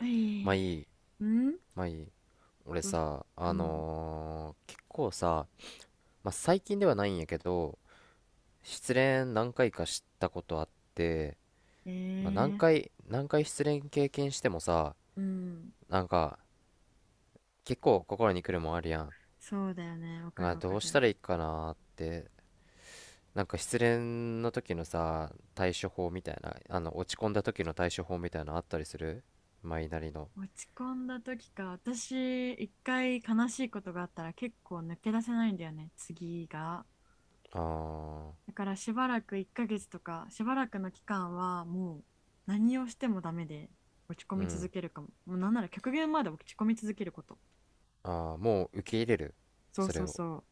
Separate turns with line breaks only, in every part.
え
まあいい、
えん。
まあいい。俺
う
さ、
うん。
結構さ、まあ最近ではないんやけど、失恋何回かしたことあって、まあ何
ええ。
回、何回失恋経験してもさ、
うん。
なんか結構心に来るもんあるやん。
そうだよね。わかる
なん
わ
か
か
どうした
る。
らいいかなって、なんか失恋の時のさ、対処法みたいな、あの落ち込んだ時の対処法みたいなのあったりするマイなりの。
落ち込んだ時か。私、一回悲しいことがあったら結構抜け出せないんだよね。次が。
ああ、
だからしばらく1ヶ月とか、しばらくの期間はもう何をしてもダメで落ち込
う
み続
ん。
けるかも。もうなんなら極限まで落ち込み続けること。
ああ、もう受け入れる
そう
それ
そう
を。
そ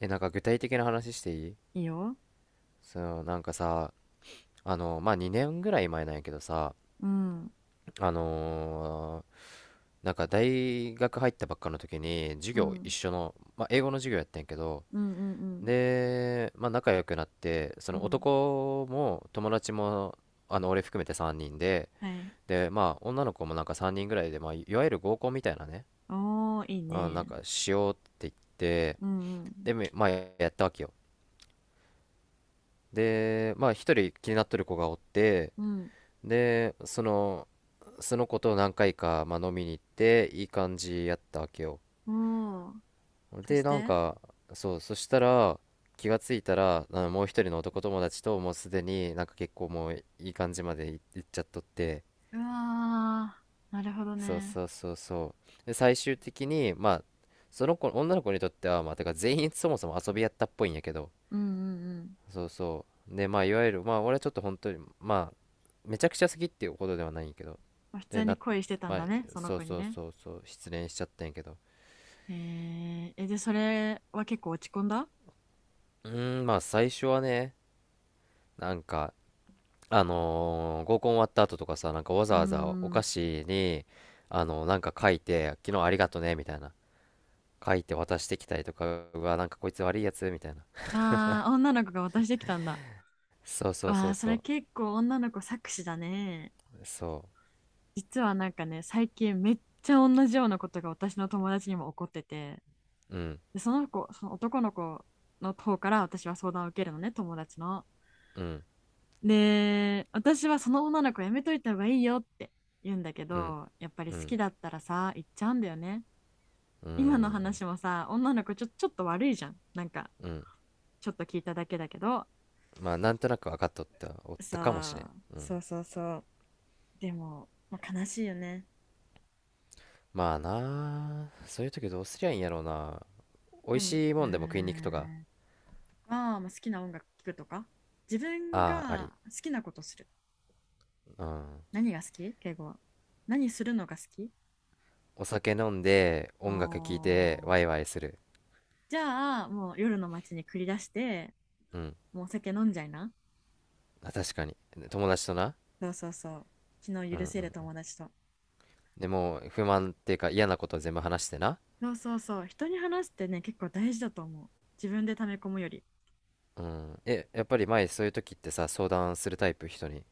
え、なんか具体的な話していい。
う。いいよ。
その、なんかさ、あの、まあ、2年ぐらい前なんやけどさ、
うん。うん。
あのーなんか大学入ったばっかの時に、授
う
業一
ん
緒の、まあ、英語の授業やったんやけど、
うん
で、まあ、仲良くなって、そ
うん。
の
うん。
男も友達も、あの、俺含めて3人で、
はい。
で、まあ、女の子もなんか3人ぐらいで、まあ、いわゆる合コンみたいなね、
おー、いい
あ、なん
ね。
かしようって言って、
うんうん。
で、まあ、やったわけよ。で、まあ、一人気になっとる子がおって、
うん。
で、その子と何回か、まあ、飲みに行って、いい感じやったわけよ。
おー。そ
で、
し
なん
て、
か、そう、そしたら、気がついたら、あのもう一人の男友達と、もうすでになんか結構もういい感じまで行っちゃっとって、
うわー、なるほど
そう
ね。
そうそうそう。で、最終的に、まあ、その子、女の子にとっては、まあ、てか全員そもそも遊びやったっぽいんやけど、
うんうんうん。
そうそうで、まあ、いわゆる、まあ、俺はちょっと本当に、まあ、めちゃくちゃ好きっていうことではないんやけど、
まあ普通
で
に
な、
恋してたん
まあ、
だね、その
そう
子に
そう
ね。
そうそう、失恋しちゃったんやけど、
へええ、で、それは結構落ち込んだ？
まあ最初はね、なんか合コン終わった後とかさ、なんかわ
うー
ざわざお菓
ん。
子になんか書いて「昨日ありがとね」みたいな書いて渡してきたりとか、うわなんかこいつ悪いやつみたいな。
ああ、女の子が渡してきたんだ。
そうそう
わ
そ
あ、
う
そ
そ
れ
う
結構女の子搾取だね。
そ
実はなんかね、最近めっちゃ同じようなことが私の友達にも起こってて、
う。うん
で、その子、その男の子の方から私は相談を受けるのね、友達の。
うん
で、私はその女の子やめといた方がいいよって言うんだけ
うん
ど、やっぱり
う
好
ん
きだったらさ、言っちゃうんだよね。今の話もさ、女の子ちょ、ちょっと悪いじゃん。なんか、
うん。
ちょっと聞いただけだけど。
まあなんとなく分かっとったおっ
そ
たかもしれん、
う、
うん、
そうそうそう。でも、まあ、悲しいよね。
まあなあそういう時どうすりゃいいんやろうな。美味
でも、う
しい
ー
もんでも食いに行くとか。
ん、まあ、まあ、好きな音楽聴くとか、自分
ああ、
が好きなことする。
うん。
何が好き敬語は。何するのが好き？
お酒飲んで音楽聴
お
いてワイ
ー。
ワイする。
じゃあ、もう夜の街に繰り出して、
うん。
もう酒飲んじゃいな。
あ確かに、友達とな。
そうそうそう。昨日
うん。
許
うん、
せる友達と。
でもう不満っていうか嫌なこと全部話してな。
そうそうそう。人に話すってね、結構大事だと思う。自分で溜め込むより。
うん、やっぱり前そういう時ってさ相談するタイプ、人に。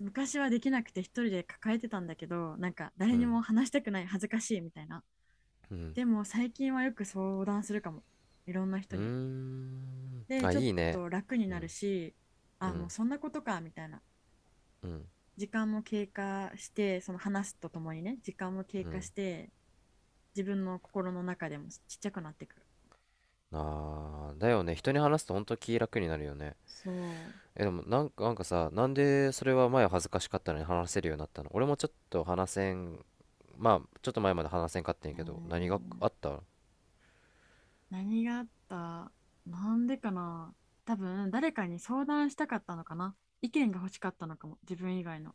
昔はできなくて一人で抱えてたんだけど、なんか誰
う
に
ん
も話したくない、恥ずかしいみたいな。
うん。
でも最近はよく相談するかも。いろんな
う
人
ー
に。
ん、
で、
あ
ちょっ
いいね。
と楽に
う
なる
ん
し、
う
あ、もう
ん
そんなことか、みたいな。
うん
時間も経過して、その話すとともにね、時間も経
う
過
ん、
して、自分の心の中でもちっちゃくなってくる。
あーだよね、人に話すと本当気楽になるよね。
そう。
でもなんかさ、なんでそれは前は恥ずかしかったのに話せるようになったの。俺もちょっと話せん、まあちょっと前まで話せんかったんや
え
けど、何が
ー、
あった。
何があった？なんでかな。多分誰かに相談したかったのかな。意見が欲しかったのかも、自分以外の。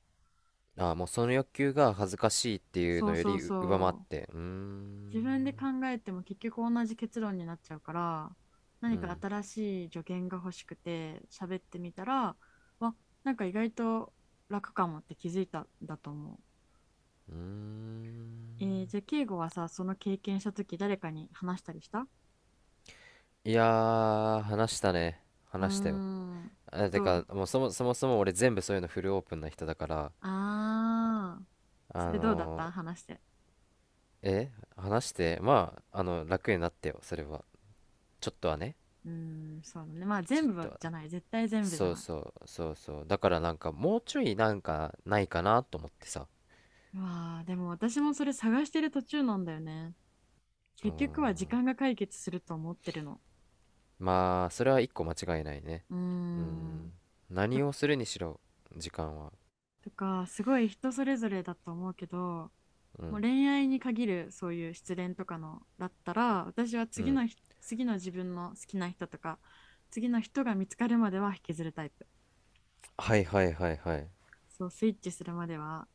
あー、もうその欲求が恥ずかしいっていう
そ
の
う
よ
そう
りう上回っ
そう。
てうー
自分で
ん。
考えても結局同じ結論になっちゃうから、
う
何か
ん。
新しい助言が欲しくて喋ってみたら、わ、なんか意外と楽かもって気づいたんだと思う。
うー
えー、
ん、
じゃあ敬語はさ、その経験した時誰かに話したりした？
いやー話したね。
うー
話したよ。
ん。
あ、
で
て
ど
か
う？
もう、そもそも俺全部そういうのフルオープンな人だから。
ああ、
あ
それどうだっ
の
た、話して。
え話して、まあ、あの楽になってよ、それは。ちょっとはね。
うーん、そうだね。まあ
ちょっ
全
と
部
は。
じゃない。絶対全部じゃ
そう
ない。
そうそうそう、だからなんかもうちょいなんかないかなと思ってさ。
うわあ、でも私もそれ探してる途中なんだよね。
う
結局
ん、
は時間が解決すると思ってるの。
まあそれは一個間違いないね。
うー
うん、
ん。と、
何をするにしろ時間は。
とか、すごい人それぞれだと思うけど、
う
もう
ん
恋愛に限るそういう失恋とかのだったら、私は
う
次
ん。
のひ、次の自分の好きな人とか、次の人が見つかるまでは引きずるタイプ。
はいはいはいはい。
そう、スイッチするまでは。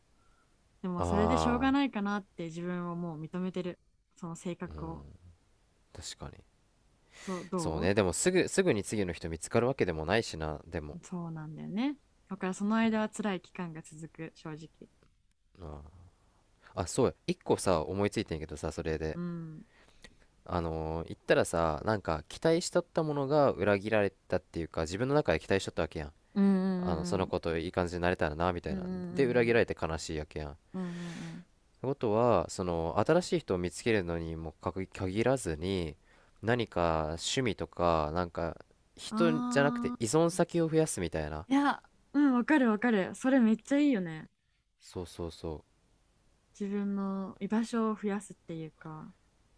でもそれでしょう
あ
がないかなって自分をもう認めてる。その性格を。
あ、確かに。
そう、
そう
どう？
ね、でもすぐに次の人見つかるわけでもないしな、でも、
そうなんだよね。だからその間は辛い期間が続く、正直。
あーあ、そうや、一個さ思いついてんけどさ、それ
う
で、
ん。
言ったらさ、なんか期待しとったものが裏切られたっていうか、自分の中で期待しとったわけやん、
う
あの
ん
そ
う
の
ん
子といい感じになれたらなみた
う
い
んう
な、で裏
ん
切られて悲しいわけやん、っ
うんうんうんうんうん。
てことはその新しい人を見つけるのにもかく限らずに、何か趣味とかなんか、人じゃなくて
あ
依存先を増やすみたいな。
ー、いや、うん、わかるわかる。それめっちゃいいよね。
そうそうそ
自分の居場所を増やすっていうか、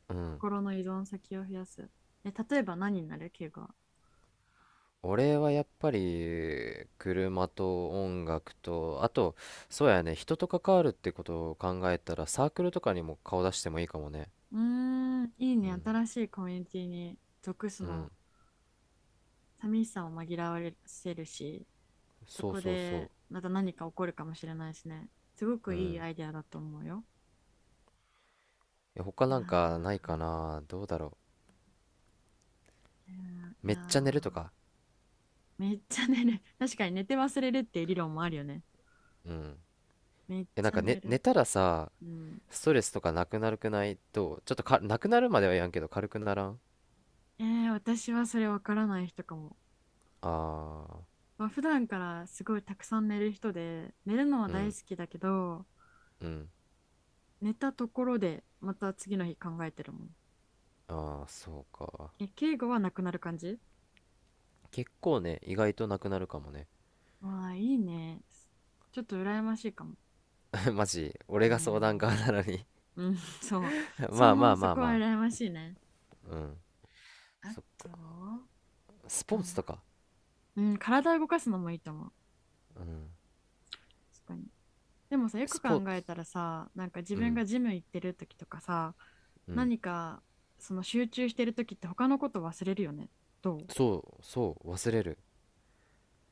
う。うん。
心の依存先を増やす。え、例えば何になるケイが。
俺はやっぱり車と音楽と、あと、そうやね、人と関わるってことを考えたら、サークルとかにも顔出してもいいかもね。
うーん、いい
う
ね。
ん
新しいコミュニティに属す
う
の。
ん。
寂しさを紛らわせるし、そ
そう
こ
そう
で
そ
また何か起こるかもしれないしね。すご
う。
く
う
いい
ん。
アイデアだと思うよ。
他
いや
なんかないかな、どうだろ。
ー、い
め
やー、
っちゃ寝るとか。
めっちゃ寝る。確かに寝て忘れるっていう理論もあるよね。
うん。
めっ
な
ち
ん
ゃ
か、ね、
寝
寝
る。
たらさ
うん。
ストレスとかなくなるくないどう、ちょっとかなくなるまではやんけど軽くならん。
えー、私はそれわからない人かも。
ああ
まあ、普段からすごいたくさん寝る人で、寝るのは
ー、う
大
ん。
好きだけど、
うん。
寝たところでまた次の日考えてるもん。
ああー、そうか。
え、敬語はなくなる感じ？
結構ね、意外となくなるかもね。
ああ、いいね。ちょっと羨ましいかも。
マジ、俺
うー
が相談側
ん。
なのに。
うん、そう。そ
まあま
の、
あ
そ
まあ
こは
ま
羨ましいね。
あ。うん。
あ
そ
と、
スポ
な
ー
ん
ツと
だ。
か。
うん、体を動かすのもいいと思う。
うん。
確かに。でもさ、よく
ス
考
ポー
えた
ツ。
らさ、なんか自
う
分
ん。
がジム行ってる時とかさ、
うん。
何か、その集中してる時って他のこと忘れるよね。どう？
そう、そう、忘れる。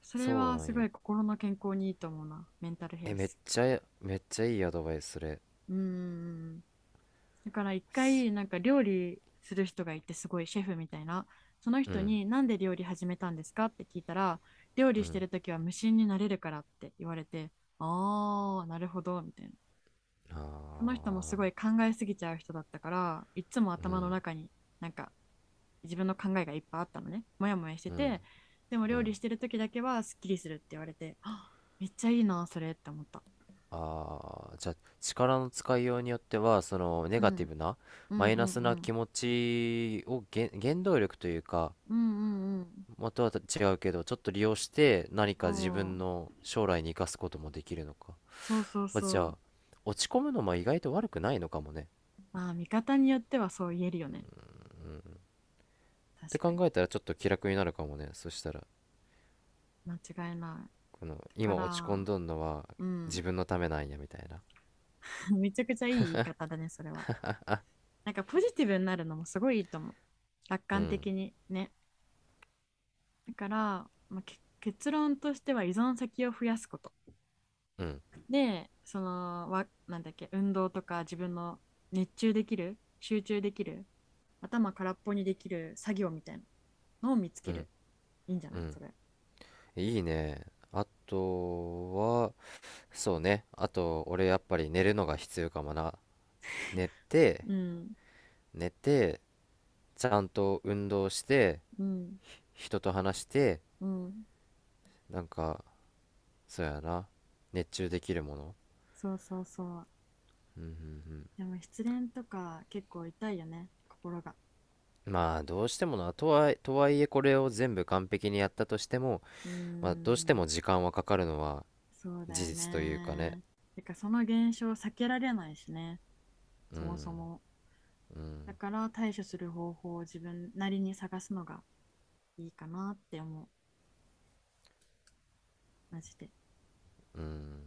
それ
そう
は
な
す
ん
ご
よ。
い心の健康にいいと思うな。メンタルヘル
めっ
ス。
ちゃ、めっちゃいいアドバイス、それ。
うーん。だから一
す
回なんか料理する人がいて、すごいシェフみたいな、その
う
人
ん、
になんで料理始めたんですかって聞いたら、料
う
理して
ん。
る時は無心になれるからって言われて、ああなるほどみたいな。
あ
この人も
あ、
すごい考えすぎちゃう人だったから、いつも
う
頭の
ん、
中になんか自分の考えがいっぱいあったのね、モヤモヤして
うん、
て。でも
う
料
ん。
理してる時だけはすっきりするって言われて、あ、めっちゃいいなそれって思った。
ああ、じゃあ、力の使いようによっては、その、ネ
うん、
ガティブな、
う
マ
ん
イ
う
ナ
ん
ス
う
な
ん
気持ちを原動力というか、
うんうんう
元は違うけど、ちょっと利用して何
ん。
か自分の将来に生かすこともできるのか。
そうそうそう
まあ、じゃ
そう。
あ、落ち込むのも意外と悪くないのかもね。
まあ、見方によってはそう言えるよね。
って
確か
考
に。
えたらちょっと気楽になるかもね。そしたら、
間違いない。
この、
だか
今落ち込ん
ら、
どんのは
う
自
ん。
分のためなんや、みたいな。
めちゃくちゃいい言い方だね、それは。なんかポジティブになるのもすごいいいと思う。楽
う
観
ん、
的にね。だから、まあ、け結論としては依存先を増やすこと。
うん、
で、その、わ、なんだっけ、運動とか自分の熱中できる、集中できる、頭空っぽにできる作業みたいなのを見つ
う
け
ん、
る。いいんじゃな
う
い
ん。
それ。
いいね。あとは、そうね。あと、俺やっぱり寝るのが必要かもな。寝て、
うん。
寝て、ちゃんと運動して、
うん。
人と話して、
うん。
なんか、そうやな。熱中できるもの。
そうそうそう。
うんうん
でも失恋とか結構痛いよね、心が。
うん。まあ、どうしてもな。とはいえこれを全部完璧にやったとしても、
うー
まあ、どうして
ん、
も時間はかかるのは
そうだ
事
よ
実というかね。
ね。てかその現象を避けられないしね、
う
そも
ん、
そも。
うん、
だから対処する方法を自分なりに探すのがいいかなって思う、マジで。
うん。